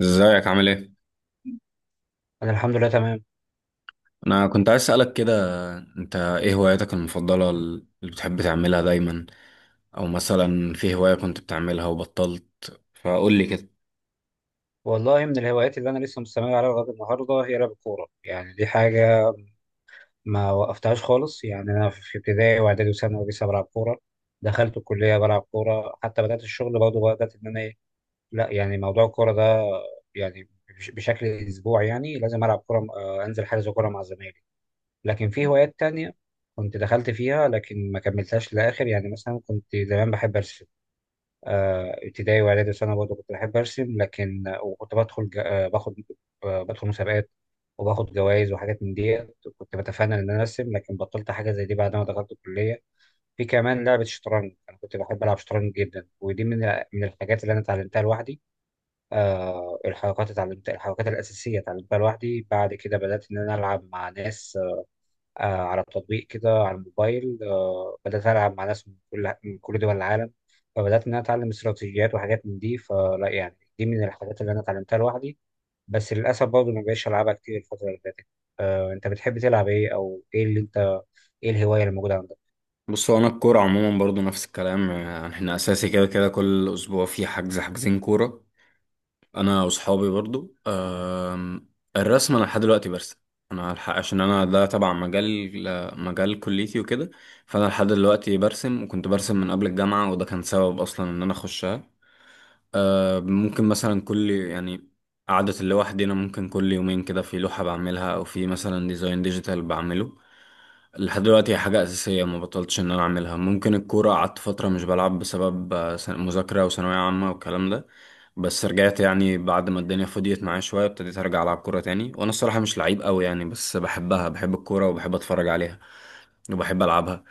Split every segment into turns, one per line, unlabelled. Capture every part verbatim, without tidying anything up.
ازيك عامل ايه؟
انا الحمد لله تمام.
انا كنت عايز اسألك كده. انت ايه هواياتك المفضلة اللي بتحب تعملها دايما، او مثلا في هواية كنت بتعملها وبطلت؟ فقول لي كده.
والله من الهوايات اللي انا لسه مستمر عليها لغايه النهارده هي لعب الكوره، يعني دي حاجه ما وقفتهاش خالص. يعني انا في ابتدائي واعدادي وثانوي لسه بلعب كوره، دخلت الكليه بلعب كوره، حتى بدات الشغل برضه بدات ان انا إيه، لا يعني موضوع الكوره ده يعني بش- بشكل اسبوعي يعني لازم العب كوره. آه، انزل حجز كوره مع زمايلي. لكن في هوايات تانية كنت دخلت فيها لكن ما كملتهاش للاخر. يعني مثلا كنت زمان بحب ارسم، آه، ابتدائي واعدادي وثانوي برضه كنت بحب ارسم، لكن آه، وكنت بدخل ج- آه، باخد، آه، بدخل مسابقات وباخد جوائز وحاجات من دي. كنت بتفنن ان انا ارسم، لكن بطلت حاجه زي دي بعد ما دخلت الكليه. في كمان لعبه الشطرنج، انا كنت بحب العب شطرنج جدا، ودي من من الحاجات اللي انا اتعلمتها لوحدي. آه، الحركات، اتعلمت الحركات الاساسيه اتعلمتها لوحدي. بعد كده بدات ان انا العب مع ناس آه، على تطبيق كده على الموبايل. آه، بدأت ألعب مع ناس من كل من كل دول العالم، فبدأت إن أنا أتعلم استراتيجيات وحاجات من دي. فلا يعني دي من الحاجات اللي أنا اتعلمتها لوحدي، بس للأسف برضه ما بقتش ألعبها كتير الفترة اللي فاتت. آه، أنت بتحب تلعب إيه؟ أو إيه اللي أنت، إيه الهواية اللي موجودة عندك؟
بص، هو انا الكورة عموما برضو نفس الكلام، يعني احنا اساسي كده كده كل اسبوع في حجز حجزين كورة انا واصحابي برضو. أم، الرسم انا لحد دلوقتي برسم، انا الحق عشان انا ده تبع مجال، ل- مجال كليتي وكده. فانا لحد دلوقتي برسم، وكنت برسم من قبل الجامعة، وده كان سبب اصلا ان انا اخشها. ممكن مثلا كل يعني قعدة اللي لوحدي أنا، ممكن كل يومين كده في لوحة بعملها، أو في مثلا ديزاين ديجيتال بعمله. لحد دلوقتي هي حاجة أساسية ما بطلتش إن أنا أعملها. ممكن الكورة قعدت فترة مش بلعب بسبب آه، سن- مذاكرة وثانوية عامة والكلام ده، بس رجعت يعني بعد ما الدنيا فضيت معايا شوية ابتديت أرجع ألعب كورة تاني. وأنا الصراحة مش لعيب أوي يعني، بس بحبها، بحب الكورة وبحب أتفرج عليها وبحب ألعبها.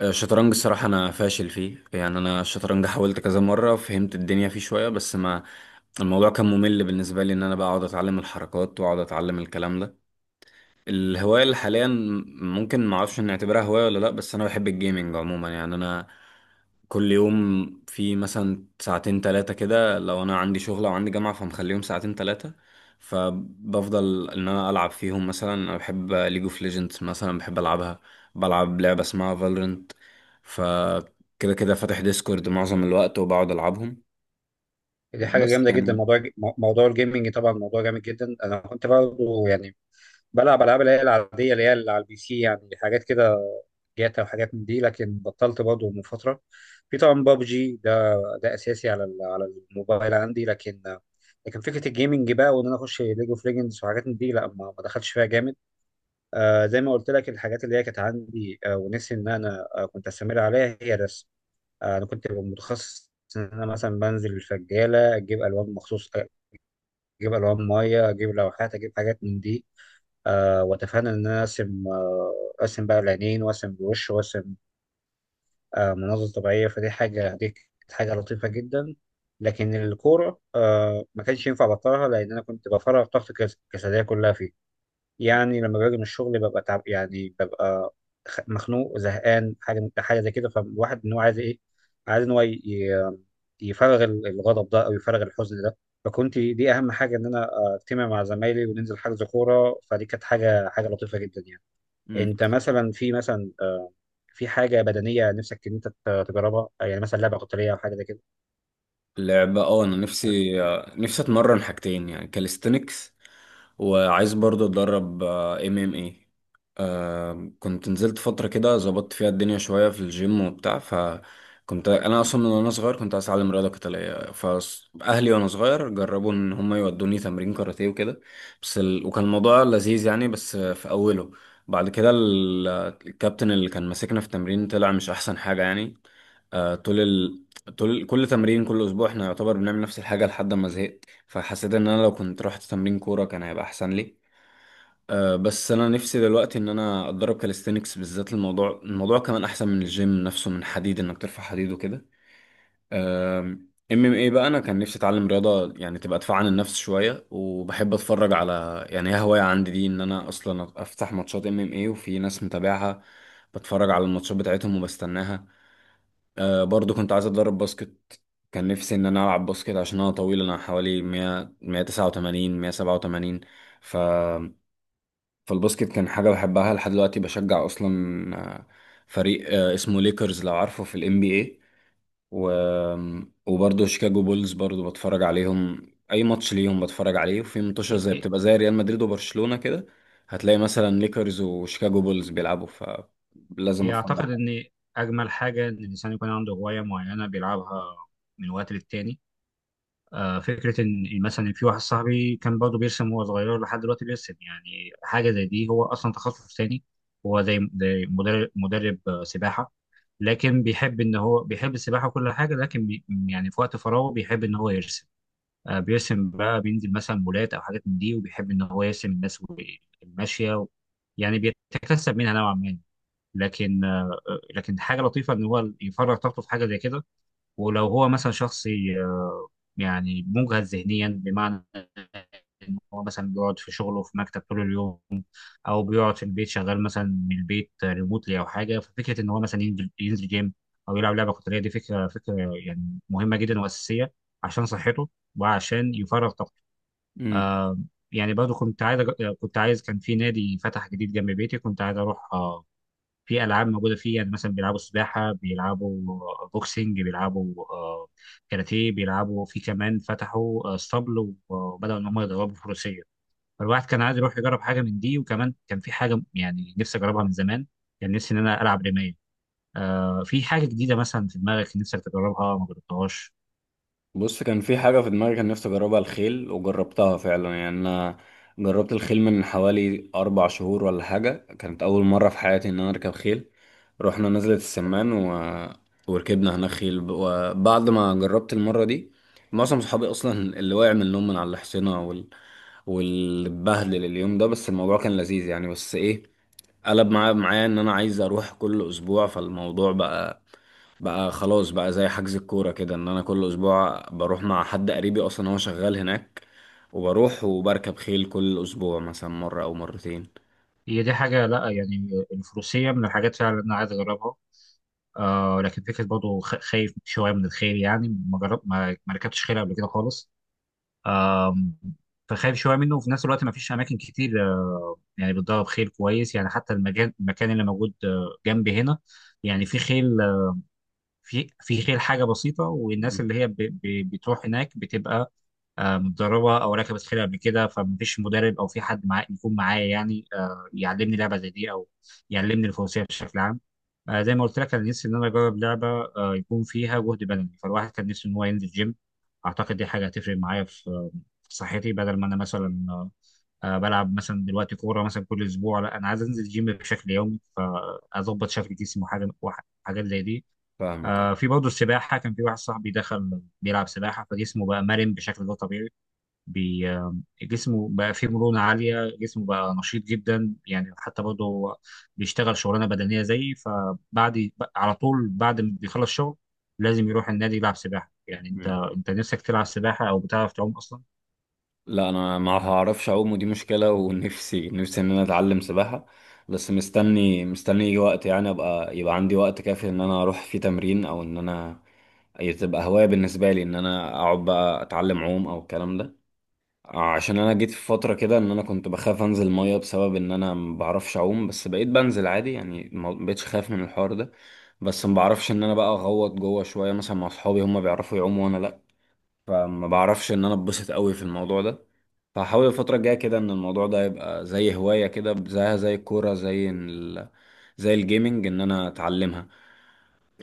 آه، الشطرنج الصراحة أنا فاشل فيه، يعني أنا الشطرنج حاولت كذا مرة، فهمت الدنيا فيه شوية، بس ما الموضوع كان ممل بالنسبة لي إن أنا بقى أقعد أتعلم الحركات وأقعد أتعلم الكلام ده. الهواية اللي حاليا، ممكن معرفش نعتبرها هواية ولا لأ، بس أنا بحب الجيمنج عموما. يعني أنا كل يوم في مثلا ساعتين تلاتة كده، لو أنا عندي شغل أو عندي جامعة فمخليهم ساعتين تلاتة، فبفضل إن أنا ألعب فيهم. مثلا أنا بحب ليج اوف ليجندز، مثلا بحب ألعبها، بلعب لعبة اسمها فالورنت، فكده كده فاتح ديسكورد معظم الوقت وبقعد ألعبهم.
دي حاجة
بس
جامدة جدا،
يعني
موضوع موضوع الجيمنج طبعا موضوع جامد جدا. أنا كنت برضه يعني بلعب العاب اللي هي العاديه، اللي هي اللي على البي سي، يعني حاجات كده جاتا وحاجات من دي، لكن بطلت برضه من فتره. في طبعا بابجي ده، ده اساسي على ال- على الموبايل عندي. لكن لكن فكره الجيمنج بقى وان انا اخش ليج اوف ليجندز وحاجات من دي، لا ما ما دخلتش فيها جامد. آه، زي ما قلت لك، الحاجات اللي هي كانت عندي آه، ونفسي ان انا آه، كنت استمر عليها هي الرسم. آه، انا كنت ببقى متخصص ان انا مثلا بنزل الفجاله اجيب الوان مخصوص، اجيب الوان ميه، اجيب لوحات، اجيب حاجات من دي. آه، واتفنن ان انا ارسم. آه، ارسم بقى العينين وارسم الوش وارسم آه، مناظر طبيعيه. فدي حاجه، دي كانت حاجه لطيفه جدا. لكن الكوره آه، ما كانش ينفع ابطلها، لان انا كنت بفرغ طاقتي الجس- الجسديه كلها فيها. يعني لما باجي من الشغل ببقى تعب، يعني ببقى خ- مخنوق زهقان، حاجه حاجه زي كده. فالواحد ان هو عايز ايه؟ عايز ان هو ي- ي- يفرغ ال- الغضب ده او يفرغ الحزن ده. فكنت دي اهم حاجه ان انا اجتمع مع زمايلي وننزل حجز كوره. فدي كانت حاجه حاجه لطيفه جدا يعني. انت مثلا في مثلا آه، في حاجه بدنيه نفسك ان انت ت- تجربها؟ يعني مثلا لعبه قتاليه او حاجه زي كده؟
لعبة اه، انا نفسي، آه، نفسي اتمرن حاجتين يعني كاليستنكس، وعايز برضو اتدرب ام ام اي. كنت نزلت فترة كده ظبطت فيها الدنيا شوية في الجيم وبتاع. فكنت انا اصلا من وانا صغير كنت عايز اتعلم رياضة قتالية، فاهلي وانا صغير جربوا ان هم يودوني تمرين كاراتيه وكده. بس ال... وكان الموضوع لذيذ يعني بس في اوله، بعد كده ال- الكابتن اللي كان ماسكنا في التمرين طلع مش احسن حاجة يعني. آه، طول طول كل تمرين كل اسبوع احنا يعتبر بنعمل نفس الحاجه لحد ما زهقت، فحسيت ان انا لو كنت رحت تمرين كوره كان هيبقى احسن لي. أه بس انا نفسي دلوقتي ان انا اتدرب كاليستينكس بالذات، الموضوع الموضوع كمان احسن من الجيم نفسه من حديد انك ترفع حديد وكده. ام ام اي بقى انا كان نفسي اتعلم رياضه يعني تبقى دفاع عن النفس شويه، وبحب اتفرج على يعني هي هوايه عندي دي ان انا اصلا افتح ماتشات ام ام اي، وفي ناس متابعها بتفرج على الماتشات بتاعتهم وبستناها. آه برضو كنت عايز اتدرب باسكت. كان نفسي ان انا العب باسكت عشان انا طويل، انا حوالي مية مية تسعة وتمانين مية سبعة وتمانين. ف فالباسكت كان حاجه بحبها لحد دلوقتي، بشجع اصلا آه، فريق آه، اسمه ليكرز لو عارفه في الام بي اي. و... وبرضه شيكاغو بولز برضه بتفرج عليهم اي ماتش ليهم بتفرج عليه، وفي ماتشات
إيه-
زي
إيه-
بتبقى زي ريال مدريد وبرشلونه كده، هتلاقي مثلا ليكرز وشيكاغو بولز بيلعبوا فلازم
إيه،
اتفرج
أعتقد إن أجمل حاجة إن الإنسان يكون عنده هواية معينة بيلعبها من وقت للتاني. آه، فكرة إن مثلا في واحد صاحبي كان برضه بيرسم وهو صغير، لحد دلوقتي بيرسم. يعني حاجة زي دي، هو أصلا تخصص تاني، هو زي زي مدرب، مدرب آه، سباحة، لكن بيحب إن هو بيحب السباحة وكل حاجة، لكن بي، يعني في وقت فراغه بيحب إن هو يرسم. آه، بيرسم بقى، بينزل مثلا مولات أو حاجات من دي، وبيحب إن هو يرسم الناس و الماشية و... يعني بيتكسب منها نوعا ما. لكن آه، آه، لكن حاجة لطيفة إن هو يفرغ طاقته في حاجة زي كده. ولو هو مثلا شخص ي- آه، يعني مجهد ذهنيا، بمعنى إن هو مثلا بيقعد في شغله في مكتب طول اليوم، او بيقعد في البيت شغال مثلا من البيت ريموتلي او حاجه، ففكره ان هو مثلا ينزل ينزل جيم او يلعب لعبه قتاليه، دي فكره فكره يعني مهمه جدا واساسيه عشان صحته وعشان يفرغ طاقته.
عليهم.
آه، يعني برضه كنت عايز أج- كنت عايز، كان في نادي فتح جديد جنب بيتي كنت عايز اروح. آه، في العاب موجوده فيه، يعني مثلا بيلعبوا سباحه، بيلعبوا بوكسنج، بيلعبوا آه، كاراتيه، بيلعبوا، في كمان فتحوا آه، اسطبل وبداوا ان هم يدربوا فروسيه. فالواحد كان عايز يروح يجرب حاجه من دي. وكمان كان في حاجه يعني نفسي اجربها من زمان، كان نفسي ان انا العب رمايه. آه، في حاجه جديده مثلا في دماغك نفسك تجربها ما جربتهاش؟
بص، كان في حاجة في دماغي كان نفسي أجربها، الخيل، وجربتها فعلا. يعني أنا جربت الخيل من حوالي أربع شهور ولا حاجة، كانت أول مرة في حياتي إن أنا أركب خيل. رحنا نزلة السمان و... وركبنا هناك خيل. وبعد ما جربت المرة دي، معظم صحابي أصلا اللي وقع من النوم من على الحصينة وال... والبهدل اليوم ده، بس الموضوع كان لذيذ يعني. بس إيه، قلب معايا معايا ان انا عايز اروح كل اسبوع، فالموضوع بقى بقى خلاص بقى زي حجز الكورة كده، ان انا كل اسبوع بروح مع حد قريبي اصلا هو شغال هناك، وبروح وبركب خيل كل اسبوع مثلا مرة او مرتين.
هي دي حاجه، لا يعني الفروسيه من الحاجات فعلا اللي انا عايز اجربها. آه، لكن فكره برضه خ- خايف شويه من الخيل. يعني ما جرب، ما ما ركبتش خيل قبل كده خالص، فخايف شويه منه. وفي نفس الوقت ما فيش اماكن كتير آه، يعني بتدرب خيل كويس، يعني حتى المكان المكان اللي موجود آه، جنبي هنا، يعني في خيل آه، في في خيل حاجه بسيطه، والناس
مم.
اللي هي ب- ب- بتروح هناك بتبقى آه، متدربه او ركبت خيل قبل كده. فمفيش مدرب او في حد معاه يكون معايا يعني آه، يعلمني لعبه زي دي، او يعلمني الفروسيه بشكل عام. آه، زي ما قلت لك، انا نفسي ان انا اجرب لعبه آه، يكون فيها جهد بدني. فالواحد كان نفسه ان هو ينزل جيم. اعتقد دي حاجه هتفرق معايا في آه، في صحتي، بدل ما انا
مم.
مثلا آه، آه، بلعب مثلا دلوقتي كوره مثلا كل اسبوع. لا انا عايز انزل جيم بشكل يومي، فاظبط شكل جسمي وحاجه وح- حاجات زي دي.
فاهمك،
آه،
أيوة.
في برضه السباحه، كان في واحد صاحبي دخل بيلعب سباحه فجسمه بقى مرن بشكل غير طبيعي، بي، جسمه بقى فيه مرونة عالية، جسمه بقى نشيط جدا. يعني حتى برضه هو بيشتغل شغلانة بدنية زيي، فبعد على طول بعد ما بيخلص شغل لازم يروح النادي يلعب سباحة. يعني انت،
مم.
انت نفسك تلعب سباحة؟ او بتعرف تعوم اصلا؟
لا انا ما هعرفش اعوم، ودي مشكلة، ونفسي نفسي ان انا اتعلم سباحة، بس مستني مستني يجي وقت يعني، ابقى يبقى عندي وقت كافي ان انا اروح فيه تمرين او ان انا، هي تبقى هواية بالنسبة لي ان انا اقعد بقى اتعلم عوم او الكلام ده. عشان انا جيت في فترة كده ان انا كنت بخاف انزل مية بسبب ان انا ما بعرفش اعوم، بس بقيت بنزل عادي يعني، ما بقتش خايف من الحوار ده. بس ما بعرفش ان انا بقى اغوط جوه شوية، مثلا مع اصحابي هم بيعرفوا يعوموا وانا لا، فما بعرفش ان انا اتبسط قوي في الموضوع ده. فحاول الفترة الجاية كده ان الموضوع ده يبقى زي هواية كده، زيها زي الكورة، زي ال... زي الجيمنج، ان انا اتعلمها.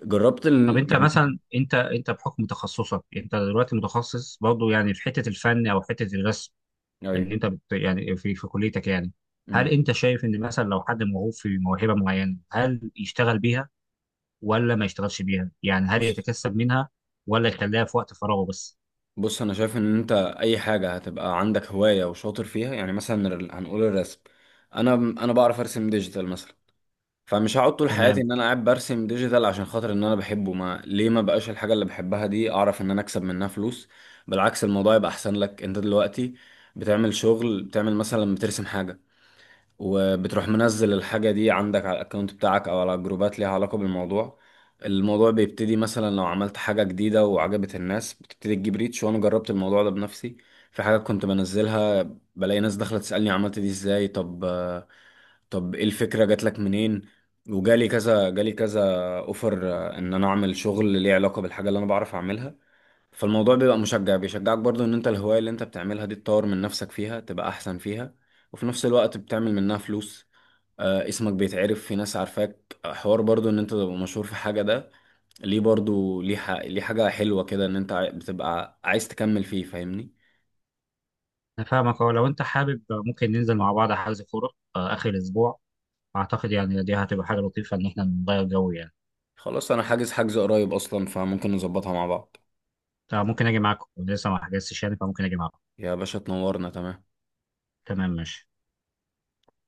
جربت
طب
ال...
انت
يعني
مثلا، انت انت بحكم تخصصك، انت دلوقتي متخصص برضه يعني في حتة الفن او حتة الرسم اللي
ايوه.
انت بت، يعني في في كليتك يعني، هل
أمم.
انت شايف ان مثلا لو حد موهوب في موهبة معينة هل يشتغل بيها، ولا ما يشتغلش بيها؟ يعني هل
بص
يتكسب منها ولا يخليها في وقت فراغه بس؟
بص انا شايف ان انت اي حاجه هتبقى عندك هوايه وشاطر فيها، يعني مثلا ال- هنقول الرسم. انا انا بعرف ارسم ديجيتال مثلا، فمش هقعد طول حياتي
تمام،
ان انا قاعد برسم ديجيتال عشان خاطر ان انا بحبه. ما ليه ما بقاش الحاجه اللي بحبها دي اعرف ان انا اكسب منها فلوس؟ بالعكس الموضوع يبقى احسن لك. انت دلوقتي بتعمل شغل، بتعمل مثلا بترسم حاجه، وبتروح منزل الحاجة دي عندك على الاكونت بتاعك او على جروبات ليها علاقة بالموضوع. الموضوع بيبتدي مثلا لو عملت حاجة جديدة وعجبت الناس بتبتدي تجيب ريتش، وانا جربت الموضوع ده بنفسي. في حاجات كنت بنزلها، بلاقي ناس داخلة تسألني عملت دي ازاي، طب آه، طب ايه الفكرة جات لك منين، وجالي كذا جالي كذا. اوفر آه، ان انا اعمل شغل ليه علاقة بالحاجة اللي انا بعرف اعملها. فالموضوع بيبقى مشجع، بيشجعك برضو ان انت الهواية اللي انت بتعملها دي تطور من نفسك فيها تبقى احسن فيها، وفي نفس الوقت بتعمل منها فلوس. آه اسمك بيتعرف، في ناس عارفاك، آه، حوار برضو ان انت تبقى مشهور في حاجة ده ليه برضو ليه, ح... ليه، حاجة حلوة كده ان انت عاي- بتبقى عايز تكمل فيه، فاهمني.
انا فاهمك. اه لو انت حابب ممكن ننزل مع بعض حجز كوره آه، اخر الاسبوع. اعتقد يعني دي هتبقى حاجه لطيفه ان احنا نغير جو يعني.
خلاص انا حاجز حجز قريب اصلا، فممكن نظبطها مع بعض.
طب ممكن اجي معاكم، لسه ما حجزتش يعني فممكن اجي معاكم.
يا باشا تنورنا، تمام.
تمام ماشي.